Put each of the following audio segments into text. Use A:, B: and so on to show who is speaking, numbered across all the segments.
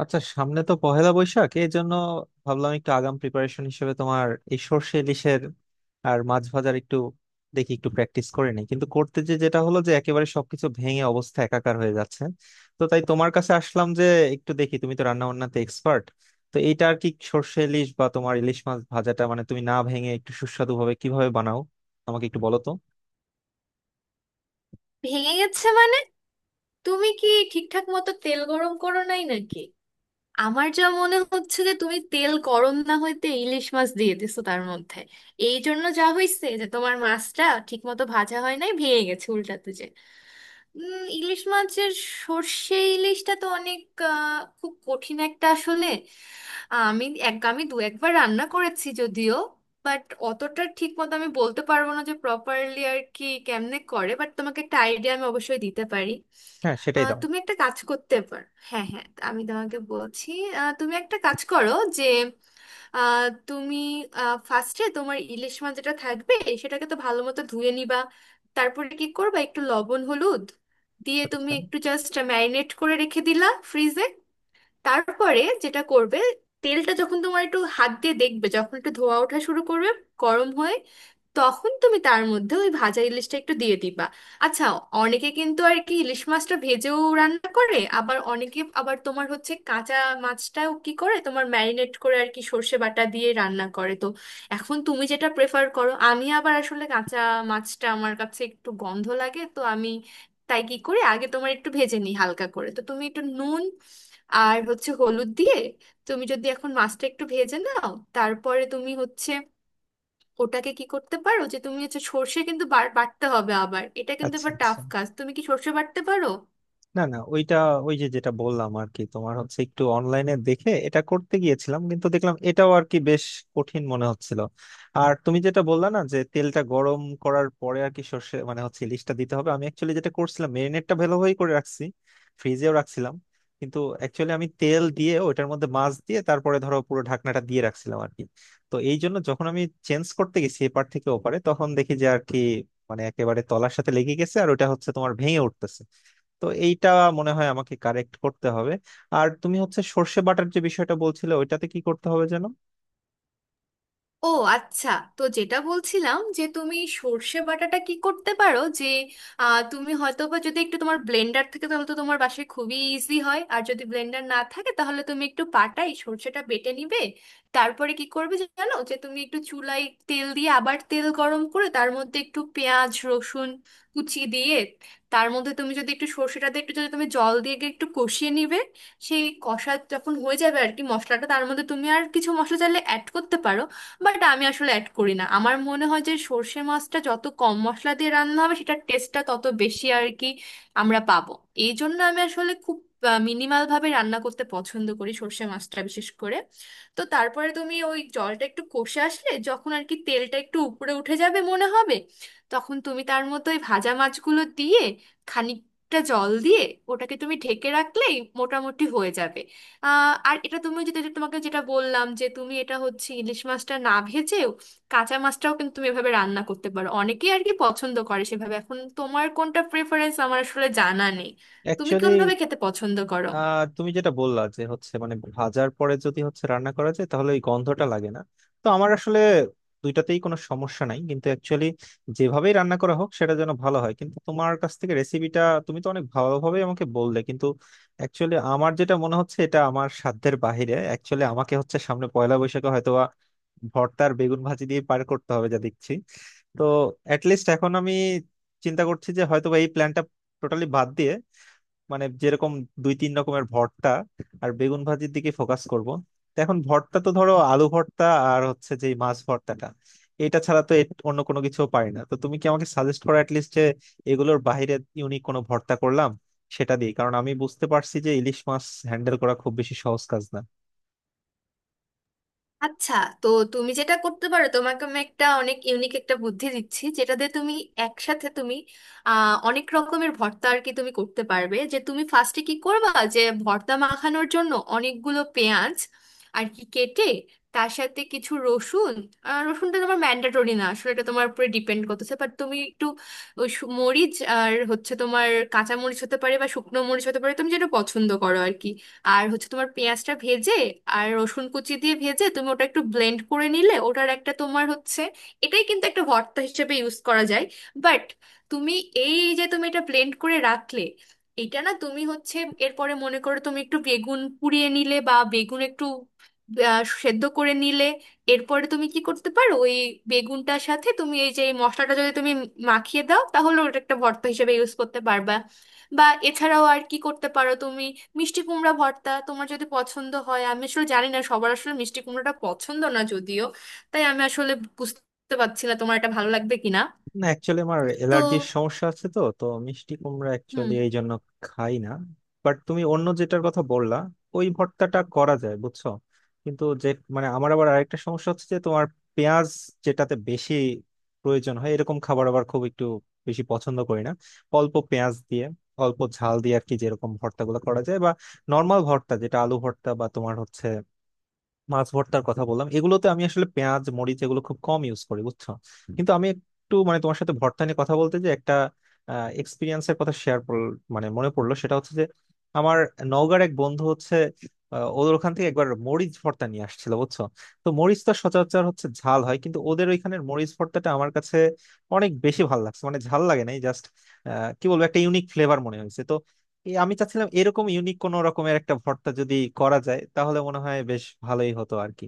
A: আচ্ছা, সামনে তো পহেলা বৈশাখ, এই জন্য ভাবলাম একটু আগাম প্রিপারেশন হিসেবে তোমার এই সর্ষে ইলিশের আর মাছ ভাজার একটু দেখি, একটু প্র্যাকটিস করে নিই। কিন্তু করতে যেটা হলো যে একেবারে সবকিছু ভেঙে অবস্থা একাকার হয়ে যাচ্ছে। তো তাই তোমার কাছে আসলাম যে একটু দেখি, তুমি তো রান্না বান্নাতে এক্সপার্ট। তো এইটা আর কি, সর্ষে ইলিশ বা তোমার ইলিশ মাছ ভাজাটা মানে তুমি না ভেঙে একটু সুস্বাদু ভাবে কিভাবে বানাও আমাকে একটু বলো তো।
B: ভেঙে গেছে মানে? তুমি কি ঠিকঠাক মতো তেল গরম করো নাই নাকি? আমার যা মনে হচ্ছে যে তুমি তেল গরম না হইতে ইলিশ মাছ দিয়ে দিছো তার মধ্যে। এই জন্য যা হয়েছে যে তোমার মাছটা ঠিক মতো ভাজা হয় নাই, ভেঙে গেছে উল্টাতে যে। ইলিশ মাছের সর্ষে ইলিশটা তো অনেক, খুব কঠিন একটা আসলে। আমি দু একবার রান্না করেছি যদিও, বাট অতটা ঠিক মতো আমি বলতে পারবো না যে প্রপারলি আর কি কেমনে করে। বাট তোমাকে একটা আইডিয়া আমি অবশ্যই দিতে পারি।
A: হ্যাঁ, সেটাই দাও।
B: তুমি একটা কাজ করতে পারো। হ্যাঁ হ্যাঁ, আমি তোমাকে বলছি। তুমি একটা কাজ করো যে, আহ, তুমি ফার্স্টে তোমার ইলিশ মাছ যেটা থাকবে সেটাকে তো ভালো মতো ধুয়ে নিবা। তারপরে কি করবা, একটু লবণ হলুদ দিয়ে তুমি
A: আচ্ছা,
B: একটু জাস্ট ম্যারিনেট করে রেখে দিলা ফ্রিজে। তারপরে যেটা করবে, তেলটা যখন তোমার একটু হাত দিয়ে দেখবে যখন একটু ধোয়া ওঠা শুরু করবে গরম হয়ে, তখন তুমি তার মধ্যে ওই ভাজা ইলিশটা একটু দিয়ে দিবা। আচ্ছা, অনেকে কিন্তু আর কি ইলিশ মাছটা ভেজেও রান্না করে, আবার অনেকে আবার তোমার হচ্ছে কাঁচা মাছটাও কি করে তোমার ম্যারিনেট করে আর কি সর্ষে বাটা দিয়ে রান্না করে। তো এখন তুমি যেটা প্রেফার করো। আমি আবার আসলে কাঁচা মাছটা আমার কাছে একটু গন্ধ লাগে, তো আমি তাই কি করি, আগে তোমার একটু ভেজে নিই হালকা করে। তো তুমি একটু নুন আর হচ্ছে হলুদ দিয়ে তুমি যদি এখন মাছটা একটু ভেজে নাও, তারপরে তুমি হচ্ছে ওটাকে কি করতে পারো যে তুমি হচ্ছে সর্ষে কিন্তু বার বাটতে হবে। আবার এটা কিন্তু
A: আচ্ছা,
B: আবার টাফ
A: আচ্ছা।
B: কাজ, তুমি কি সর্ষে বাটতে পারো?
A: না, না, ওইটা, ওই যে যেটা বললাম আর কি, তোমার হচ্ছে একটু অনলাইনে দেখে এটা করতে গিয়েছিলাম, কিন্তু দেখলাম এটাও আর কি বেশ কঠিন মনে হচ্ছিল। আর তুমি যেটা বললা না যে তেলটা গরম করার পরে আর কি সর্ষে মানে হচ্ছে ইলিশটা দিতে হবে, আমি অ্যাকচুয়ালি যেটা করছিলাম, মেরিনেটটা ভালোভাবেই করে রাখছি, ফ্রিজেও রাখছিলাম। কিন্তু অ্যাকচুয়ালি আমি তেল দিয়ে ওইটার মধ্যে মাছ দিয়ে তারপরে ধরো পুরো ঢাকনাটা দিয়ে রাখছিলাম আর কি। তো এই জন্য যখন আমি চেঞ্জ করতে গেছি এপার থেকে ওপারে, তখন দেখি যে আর কি মানে একেবারে তলার সাথে লেগে গেছে, আর ওটা হচ্ছে তোমার ভেঙে উঠতেছে। তো এইটা মনে হয় আমাকে কারেক্ট করতে হবে। আর তুমি হচ্ছে সর্ষে বাটার যে বিষয়টা বলছিলে ওইটাতে কি করতে হবে যেন?
B: ও আচ্ছা, তো যেটা বলছিলাম যে তুমি সর্ষে বাটাটা কি করতে পারো যে তুমি হয়তো বা যদি একটু তোমার ব্লেন্ডার থাকে তাহলে তো তোমার বাসায় খুবই ইজি হয়। আর যদি ব্লেন্ডার না থাকে তাহলে তুমি একটু পাটাই সর্ষেটা বেটে নিবে। তারপরে কি করবে জানো, যে তুমি একটু চুলায় তেল দিয়ে আবার তেল গরম করে তার মধ্যে একটু পেঁয়াজ রসুন কুচি দিয়ে, তার মধ্যে তুমি যদি একটু সর্ষেটা দিয়ে একটু যদি তুমি জল দিয়ে একটু কষিয়ে নিবে। সেই কষা যখন হয়ে যাবে আর কি মশলাটা, তার মধ্যে তুমি আর কিছু মশলা চাইলে অ্যাড করতে পারো। বাট আমি আসলে অ্যাড করি না, আমার মনে হয় যে সর্ষে মাছটা যত কম মশলা দিয়ে রান্না হবে সেটার টেস্টটা তত বেশি আর কি আমরা পাবো। এই জন্য আমি আসলে খুব মিনিমাল ভাবে রান্না করতে পছন্দ করি সর্ষে মাছটা, বিশেষ করে। তো তারপরে তুমি ওই জলটা একটু কষে আসলে যখন আর কি তেলটা একটু উপরে উঠে যাবে মনে হবে, তখন তুমি তার মতো ওই ভাজা মাছগুলো দিয়ে খানিকটা জল দিয়ে ওটাকে তুমি ঢেকে রাখলেই মোটামুটি হয়ে যাবে। আর এটা তুমি যেটা যেটা তোমাকে যেটা বললাম যে তুমি এটা হচ্ছে ইলিশ মাছটা না ভেজেও কাঁচা মাছটাও কিন্তু তুমি এভাবে রান্না করতে পারো। অনেকেই আর কি পছন্দ করে সেভাবে। এখন তোমার কোনটা প্রেফারেন্স আমার আসলে জানা নেই, তুমি
A: অ্যাকচুয়ালি
B: কোনভাবে খেতে পছন্দ করো।
A: তুমি যেটা বললা যে হচ্ছে মানে ভাজার পরে যদি হচ্ছে রান্না করা যায় তাহলে ওই গন্ধটা লাগে না। তো আমার আসলে দুইটাতেই কোনো সমস্যা নাই, কিন্তু অ্যাকচুয়ালি যেভাবেই রান্না করা হোক সেটা যেন ভালো হয়। কিন্তু তোমার কাছ থেকে রেসিপিটা তুমি তো অনেক ভালোভাবেই আমাকে বললে, কিন্তু অ্যাকচুয়ালি আমার যেটা মনে হচ্ছে এটা আমার সাধ্যের বাহিরে। অ্যাকচুয়ালি আমাকে হচ্ছে সামনে পয়লা বৈশাখে হয়তোবা ভর্তার বেগুন ভাজি দিয়ে পার করতে হবে যা দেখছি। তো অ্যাটলিস্ট এখন আমি চিন্তা করছি যে হয়তোবা এই প্ল্যানটা টোটালি বাদ দিয়ে মানে যেরকম দুই তিন রকমের ভর্তা আর বেগুন ভাজির দিকে ফোকাস করব। তো এখন ভর্তা তো ধরো আলু ভর্তা আর হচ্ছে যে এই মাছ ভর্তাটা, এটা ছাড়া তো এর অন্য কোনো কিছু পারি না। তো তুমি কি আমাকে সাজেস্ট করো অ্যাটলিস্ট যে এগুলোর বাইরে ইউনিক কোনো ভর্তা করলাম সেটা দিয়ে, কারণ আমি বুঝতে পারছি যে ইলিশ মাছ হ্যান্ডেল করা খুব বেশি সহজ কাজ না।
B: আচ্ছা, তো তুমি যেটা করতে পারো, তোমাকে আমি একটা অনেক ইউনিক একটা বুদ্ধি দিচ্ছি যেটা দিয়ে তুমি একসাথে তুমি অনেক রকমের ভর্তা আর কি তুমি করতে পারবে। যে তুমি ফার্স্টে কি করবা, যে ভর্তা মাখানোর জন্য অনেকগুলো পেঁয়াজ আর কি কেটে তার সাথে কিছু রসুন, রসুনটা তোমার ম্যান্ডেটরি না আসলে, এটা তোমার উপরে ডিপেন্ড করতেছে। বাট তুমি একটু মরিচ, আর হচ্ছে তোমার কাঁচা মরিচ হতে পারে বা শুকনো মরিচ হতে পারে, তুমি যেটা পছন্দ করো আর কি। আর হচ্ছে তোমার পেঁয়াজটা ভেজে আর রসুন কুচি দিয়ে ভেজে তুমি ওটা একটু ব্লেন্ড করে নিলে ওটার একটা তোমার হচ্ছে, এটাই কিন্তু একটা ভর্তা হিসেবে ইউজ করা যায়। বাট তুমি এই যে তুমি এটা ব্লেন্ড করে রাখলে, এটা না তুমি হচ্ছে এরপরে মনে করো তুমি একটু বেগুন পুড়িয়ে নিলে বা বেগুন একটু সেদ্ধ করে নিলে, এরপরে তুমি কি করতে পারো, ওই বেগুনটার সাথে তুমি এই যে এই মশলাটা যদি তুমি মাখিয়ে দাও, তাহলে ওটা একটা ভর্তা হিসেবে ইউজ করতে পারবা। বা এছাড়াও আর কি করতে পারো, তুমি মিষ্টি কুমড়া ভর্তা তোমার যদি পছন্দ হয়। আমি আসলে জানি না, সবার আসলে মিষ্টি কুমড়াটা পছন্দ না যদিও, তাই আমি আসলে বুঝতে পারছি না তোমার এটা ভালো লাগবে কিনা।
A: না, অ্যাকচুয়ালি আমার
B: তো
A: অ্যালার্জির সমস্যা আছে, তো তো মিষ্টি কুমড়া
B: হুম।
A: অ্যাকচুয়ালি এই জন্য খাই না। বাট তুমি অন্য যেটার কথা বললা ওই ভর্তাটা করা যায় বুঝছো। কিন্তু যে মানে আমার আবার আরেকটা সমস্যা হচ্ছে যে তোমার পেঁয়াজ যেটাতে বেশি প্রয়োজন হয় এরকম খাবার আবার খুব একটু বেশি পছন্দ করি না। অল্প পেঁয়াজ দিয়ে, অল্প ঝাল দিয়ে আর কি যেরকম ভর্তাগুলো করা যায়, বা নর্মাল ভর্তা যেটা আলু ভর্তা বা তোমার হচ্ছে মাছ ভর্তার কথা বললাম, এগুলোতে আমি আসলে পেঁয়াজ মরিচ এগুলো খুব কম ইউজ করি বুঝছো। কিন্তু আমি একটু মানে তোমার সাথে ভর্তা নিয়ে কথা বলতে যে একটা এক্সপিরিয়েন্সের কথা শেয়ার মানে মনে পড়লো, সেটা হচ্ছে যে আমার নওগাঁর এক বন্ধু হচ্ছে, ওদের ওখান থেকে একবার মরিচ ভর্তা নিয়ে আসছিল বুঝছো। তো মরিচ তো সচরাচর হচ্ছে ঝাল হয়, কিন্তু ওদের ওইখানের মরিচ ভর্তাটা আমার কাছে অনেক বেশি ভালো লাগছে, মানে ঝাল লাগে নাই, জাস্ট কি বলবো একটা ইউনিক ফ্লেভার মনে হয়েছে। তো এই আমি চাচ্ছিলাম এরকম ইউনিক কোন রকমের একটা ভর্তা যদি করা যায় তাহলে মনে হয় বেশ ভালোই হতো আর কি।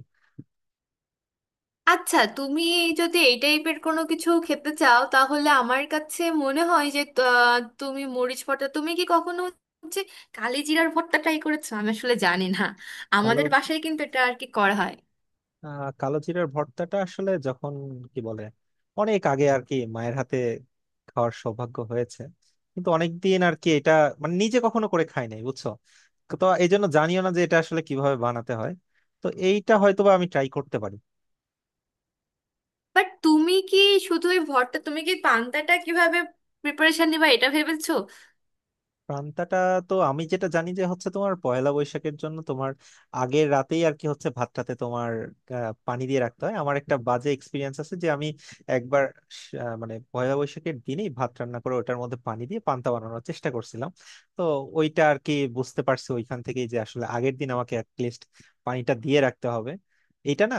B: আচ্ছা, তুমি যদি এই টাইপের কোনো কিছু খেতে চাও তাহলে আমার কাছে মনে হয় যে তুমি মরিচ ভর্তা, তুমি কি কখনো হচ্ছে কালিজিরার ভর্তা ট্রাই করেছো? আমি আসলে জানি না,
A: কালো,
B: আমাদের বাসায় কিন্তু এটা আর কি করা হয়।
A: কালো জিরার ভর্তাটা আসলে যখন কি বলে অনেক আগে আর কি মায়ের হাতে খাওয়ার সৌভাগ্য হয়েছে, কিন্তু অনেকদিন আর কি এটা মানে নিজে কখনো করে খাই নাই বুঝছো। তো এই জন্য জানিও না যে এটা আসলে কিভাবে বানাতে হয়। তো এইটা হয়তোবা আমি ট্রাই করতে পারি।
B: বাট তুমি কি শুধু এই ভর্তা, তুমি কি পান্তাটা কিভাবে প্রিপারেশন নিবা এটা ভেবেছো?
A: পান্তাটা? তো আমি যেটা জানি যে হচ্ছে তোমার পয়লা বৈশাখের জন্য তোমার আগের রাতেই আর কি হচ্ছে ভাতটাতে তোমার পানি দিয়ে রাখতে হয়। আমার একটা বাজে এক্সপিরিয়েন্স আছে যে আমি একবার মানে পয়লা বৈশাখের দিনেই ভাত রান্না করে ওটার মধ্যে পানি দিয়ে পান্তা বানানোর চেষ্টা করছিলাম। তো ওইটা আর কি বুঝতে পারছি ওইখান থেকেই যে আসলে আগের দিন আমাকে অ্যাটলিস্ট পানিটা দিয়ে রাখতে হবে, এটা না।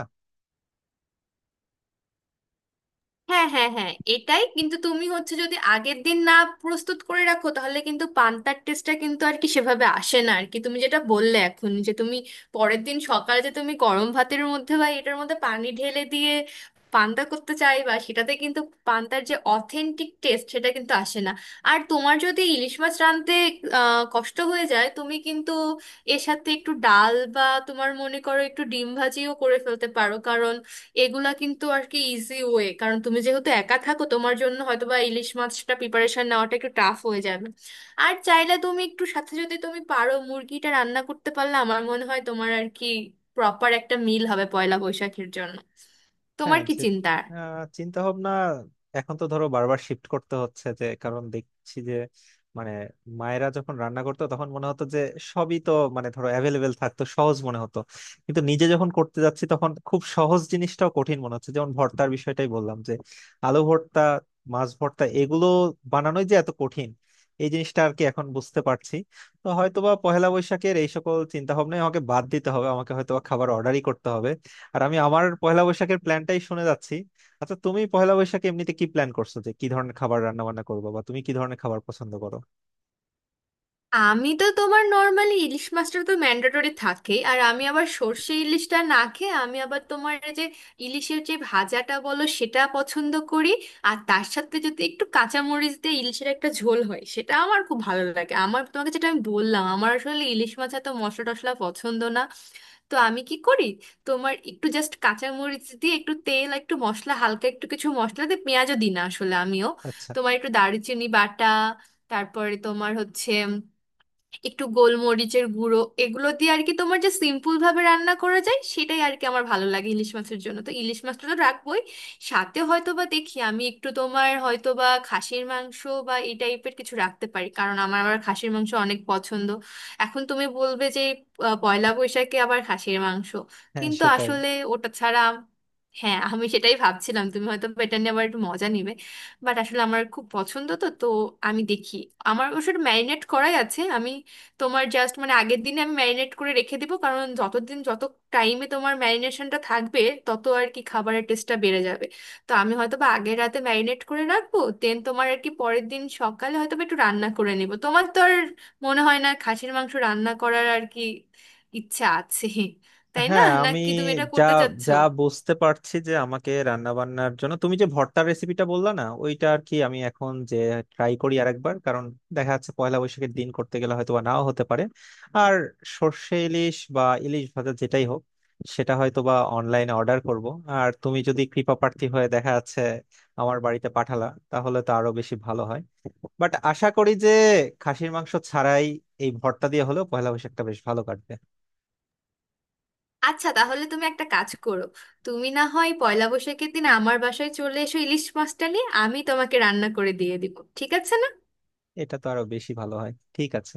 B: হ্যাঁ হ্যাঁ হ্যাঁ, এটাই কিন্তু, তুমি হচ্ছে যদি আগের দিন না প্রস্তুত করে রাখো তাহলে কিন্তু পান্তার টেস্টটা কিন্তু আর কি সেভাবে আসে না আর কি। তুমি যেটা বললে এখন যে তুমি পরের দিন সকালে যে তুমি গরম ভাতের মধ্যে বা এটার মধ্যে পানি ঢেলে দিয়ে পান্তা করতে চাইবা, সেটাতে কিন্তু পান্তার যে অথেন্টিক টেস্ট সেটা কিন্তু আসে না। আর তোমার যদি ইলিশ মাছ রাঁধতে কষ্ট হয়ে যায়, তুমি কিন্তু এর সাথে একটু ডাল বা তোমার মনে করো একটু ডিম ভাজিও করে ফেলতে পারো, কারণ এগুলা কিন্তু আর কি ইজি ওয়ে। কারণ তুমি যেহেতু একা থাকো, তোমার জন্য হয়তো বা ইলিশ মাছটা প্রিপারেশন নেওয়াটা একটু টাফ হয়ে যাবে। আর চাইলে তুমি একটু সাথে যদি তুমি পারো মুরগিটা রান্না করতে পারলে আমার মনে হয় তোমার আর কি প্রপার একটা মিল হবে পয়লা বৈশাখের জন্য। তোমার
A: হ্যাঁ।
B: কি
A: যে
B: চিন্তা?
A: চিন্তা ভাবনা, এখন তো ধরো বারবার শিফট করতে হচ্ছে, যে কারণ দেখছি যে মানে মায়েরা যখন রান্না করতো তখন মনে হতো যে সবই তো মানে ধরো অ্যাভেলেবেল থাকতো, সহজ মনে হতো। কিন্তু নিজে যখন করতে যাচ্ছি তখন খুব সহজ জিনিসটাও কঠিন মনে হচ্ছে, যেমন ভর্তার বিষয়টাই বললাম যে আলু ভর্তা, মাছ ভর্তা এগুলো বানানোই যে এত কঠিন এই জিনিসটা আর কি এখন বুঝতে পারছি। তো হয়তোবা পহেলা বৈশাখের এই সকল চিন্তা ভাবনায় আমাকে বাদ দিতে হবে, আমাকে হয়তোবা খাবার অর্ডারই করতে হবে। আর আমি আমার পয়লা বৈশাখের প্ল্যানটাই শুনে যাচ্ছি। আচ্ছা, তুমি পয়লা বৈশাখে এমনিতে কি প্ল্যান করছো যে কি ধরনের খাবার রান্না বান্না করবো, বা তুমি কি ধরনের খাবার পছন্দ করো?
B: আমি তো তোমার নর্মালি ইলিশ মাছটা তো ম্যান্ডেটরি থাকে। আর আমি আবার সর্ষে ইলিশটা না খেয়ে আমি আবার তোমার এই যে ইলিশের যে ভাজাটা বলো সেটা পছন্দ করি। আর তার সাথে যদি একটু কাঁচামরিচ দিয়ে ইলিশের একটা ঝোল হয় সেটা আমার খুব ভালো লাগে। আমার তোমাকে যেটা আমি বললাম, আমার আসলে ইলিশ মাছ এত মশলা টশলা পছন্দ না। তো আমি কি করি, তোমার একটু জাস্ট কাঁচামরিচ দিয়ে একটু তেল আর একটু মশলা হালকা একটু কিছু মশলা দিয়ে, পেঁয়াজও দিই না আসলে আমিও।
A: আচ্ছা।
B: তোমার একটু দারুচিনি বাটা, তারপরে তোমার হচ্ছে একটু গোলমরিচের গুঁড়ো, এগুলো দিয়ে আর কি তোমার যে সিম্পল ভাবে রান্না করা যায় সেটাই আর কি আমার ভালো লাগে ইলিশ মাছের জন্য। তো ইলিশ মাছটা তো রাখবোই, সাথে হয়তো বা দেখি আমি একটু তোমার হয়তো বা খাসির মাংস বা এই টাইপের কিছু রাখতে পারি, কারণ আমার আবার খাসির মাংস অনেক পছন্দ। এখন তুমি বলবে যে পয়লা বৈশাখে আবার খাসির মাংস?
A: হ্যাঁ,
B: কিন্তু
A: সেটাই।
B: আসলে ওটা ছাড়া, হ্যাঁ, আমি সেটাই ভাবছিলাম তুমি হয়তো বা এটা নিয়ে আবার একটু মজা নিবে। বাট আসলে আমার খুব পছন্দ, তো তো আমি দেখি। আমার অবশ্য ম্যারিনেট করাই আছে। আমি তোমার জাস্ট মানে আগের দিনে আমি ম্যারিনেট করে রেখে দিব, কারণ যতদিন যত টাইমে তোমার ম্যারিনেশনটা থাকবে তত আর কি খাবারের টেস্টটা বেড়ে যাবে। তো আমি হয়তো বা আগের রাতে ম্যারিনেট করে রাখবো, দেন তোমার আর কি পরের দিন সকালে হয়তো বা একটু রান্না করে নেব। তোমার তো আর মনে হয় না খাসির মাংস রান্না করার আর কি ইচ্ছা আছে, তাই না?
A: হ্যাঁ, আমি
B: নাকি তুমি এটা
A: যা
B: করতে চাচ্ছো?
A: যা বুঝতে পারছি যে আমাকে রান্না বান্নার জন্য তুমি যে ভর্তার রেসিপিটা বললা না ওইটা আর কি আমি এখন যে ট্রাই করি আরেকবার, কারণ দেখা যাচ্ছে পয়লা বৈশাখের দিন করতে গেলে হয়তো বা নাও হতে পারে। আর সর্ষে ইলিশ বা ইলিশ ভাজা যেটাই হোক সেটা হয়তো বা অনলাইনে অর্ডার করব। আর তুমি যদি কৃপা প্রার্থী হয়ে দেখা যাচ্ছে আমার বাড়িতে পাঠালা তাহলে তো আরো বেশি ভালো হয়। বাট আশা করি যে খাসির মাংস ছাড়াই এই ভর্তা দিয়ে হলেও পয়লা বৈশাখটা বেশ ভালো কাটবে।
B: আচ্ছা, তাহলে তুমি একটা কাজ করো, তুমি না হয় পয়লা বৈশাখের দিন আমার বাসায় চলে এসো ইলিশ মাছটা নিয়ে, আমি তোমাকে রান্না করে দিয়ে দিব। ঠিক আছে না?
A: এটা তো আরো বেশি ভালো হয়, ঠিক আছে।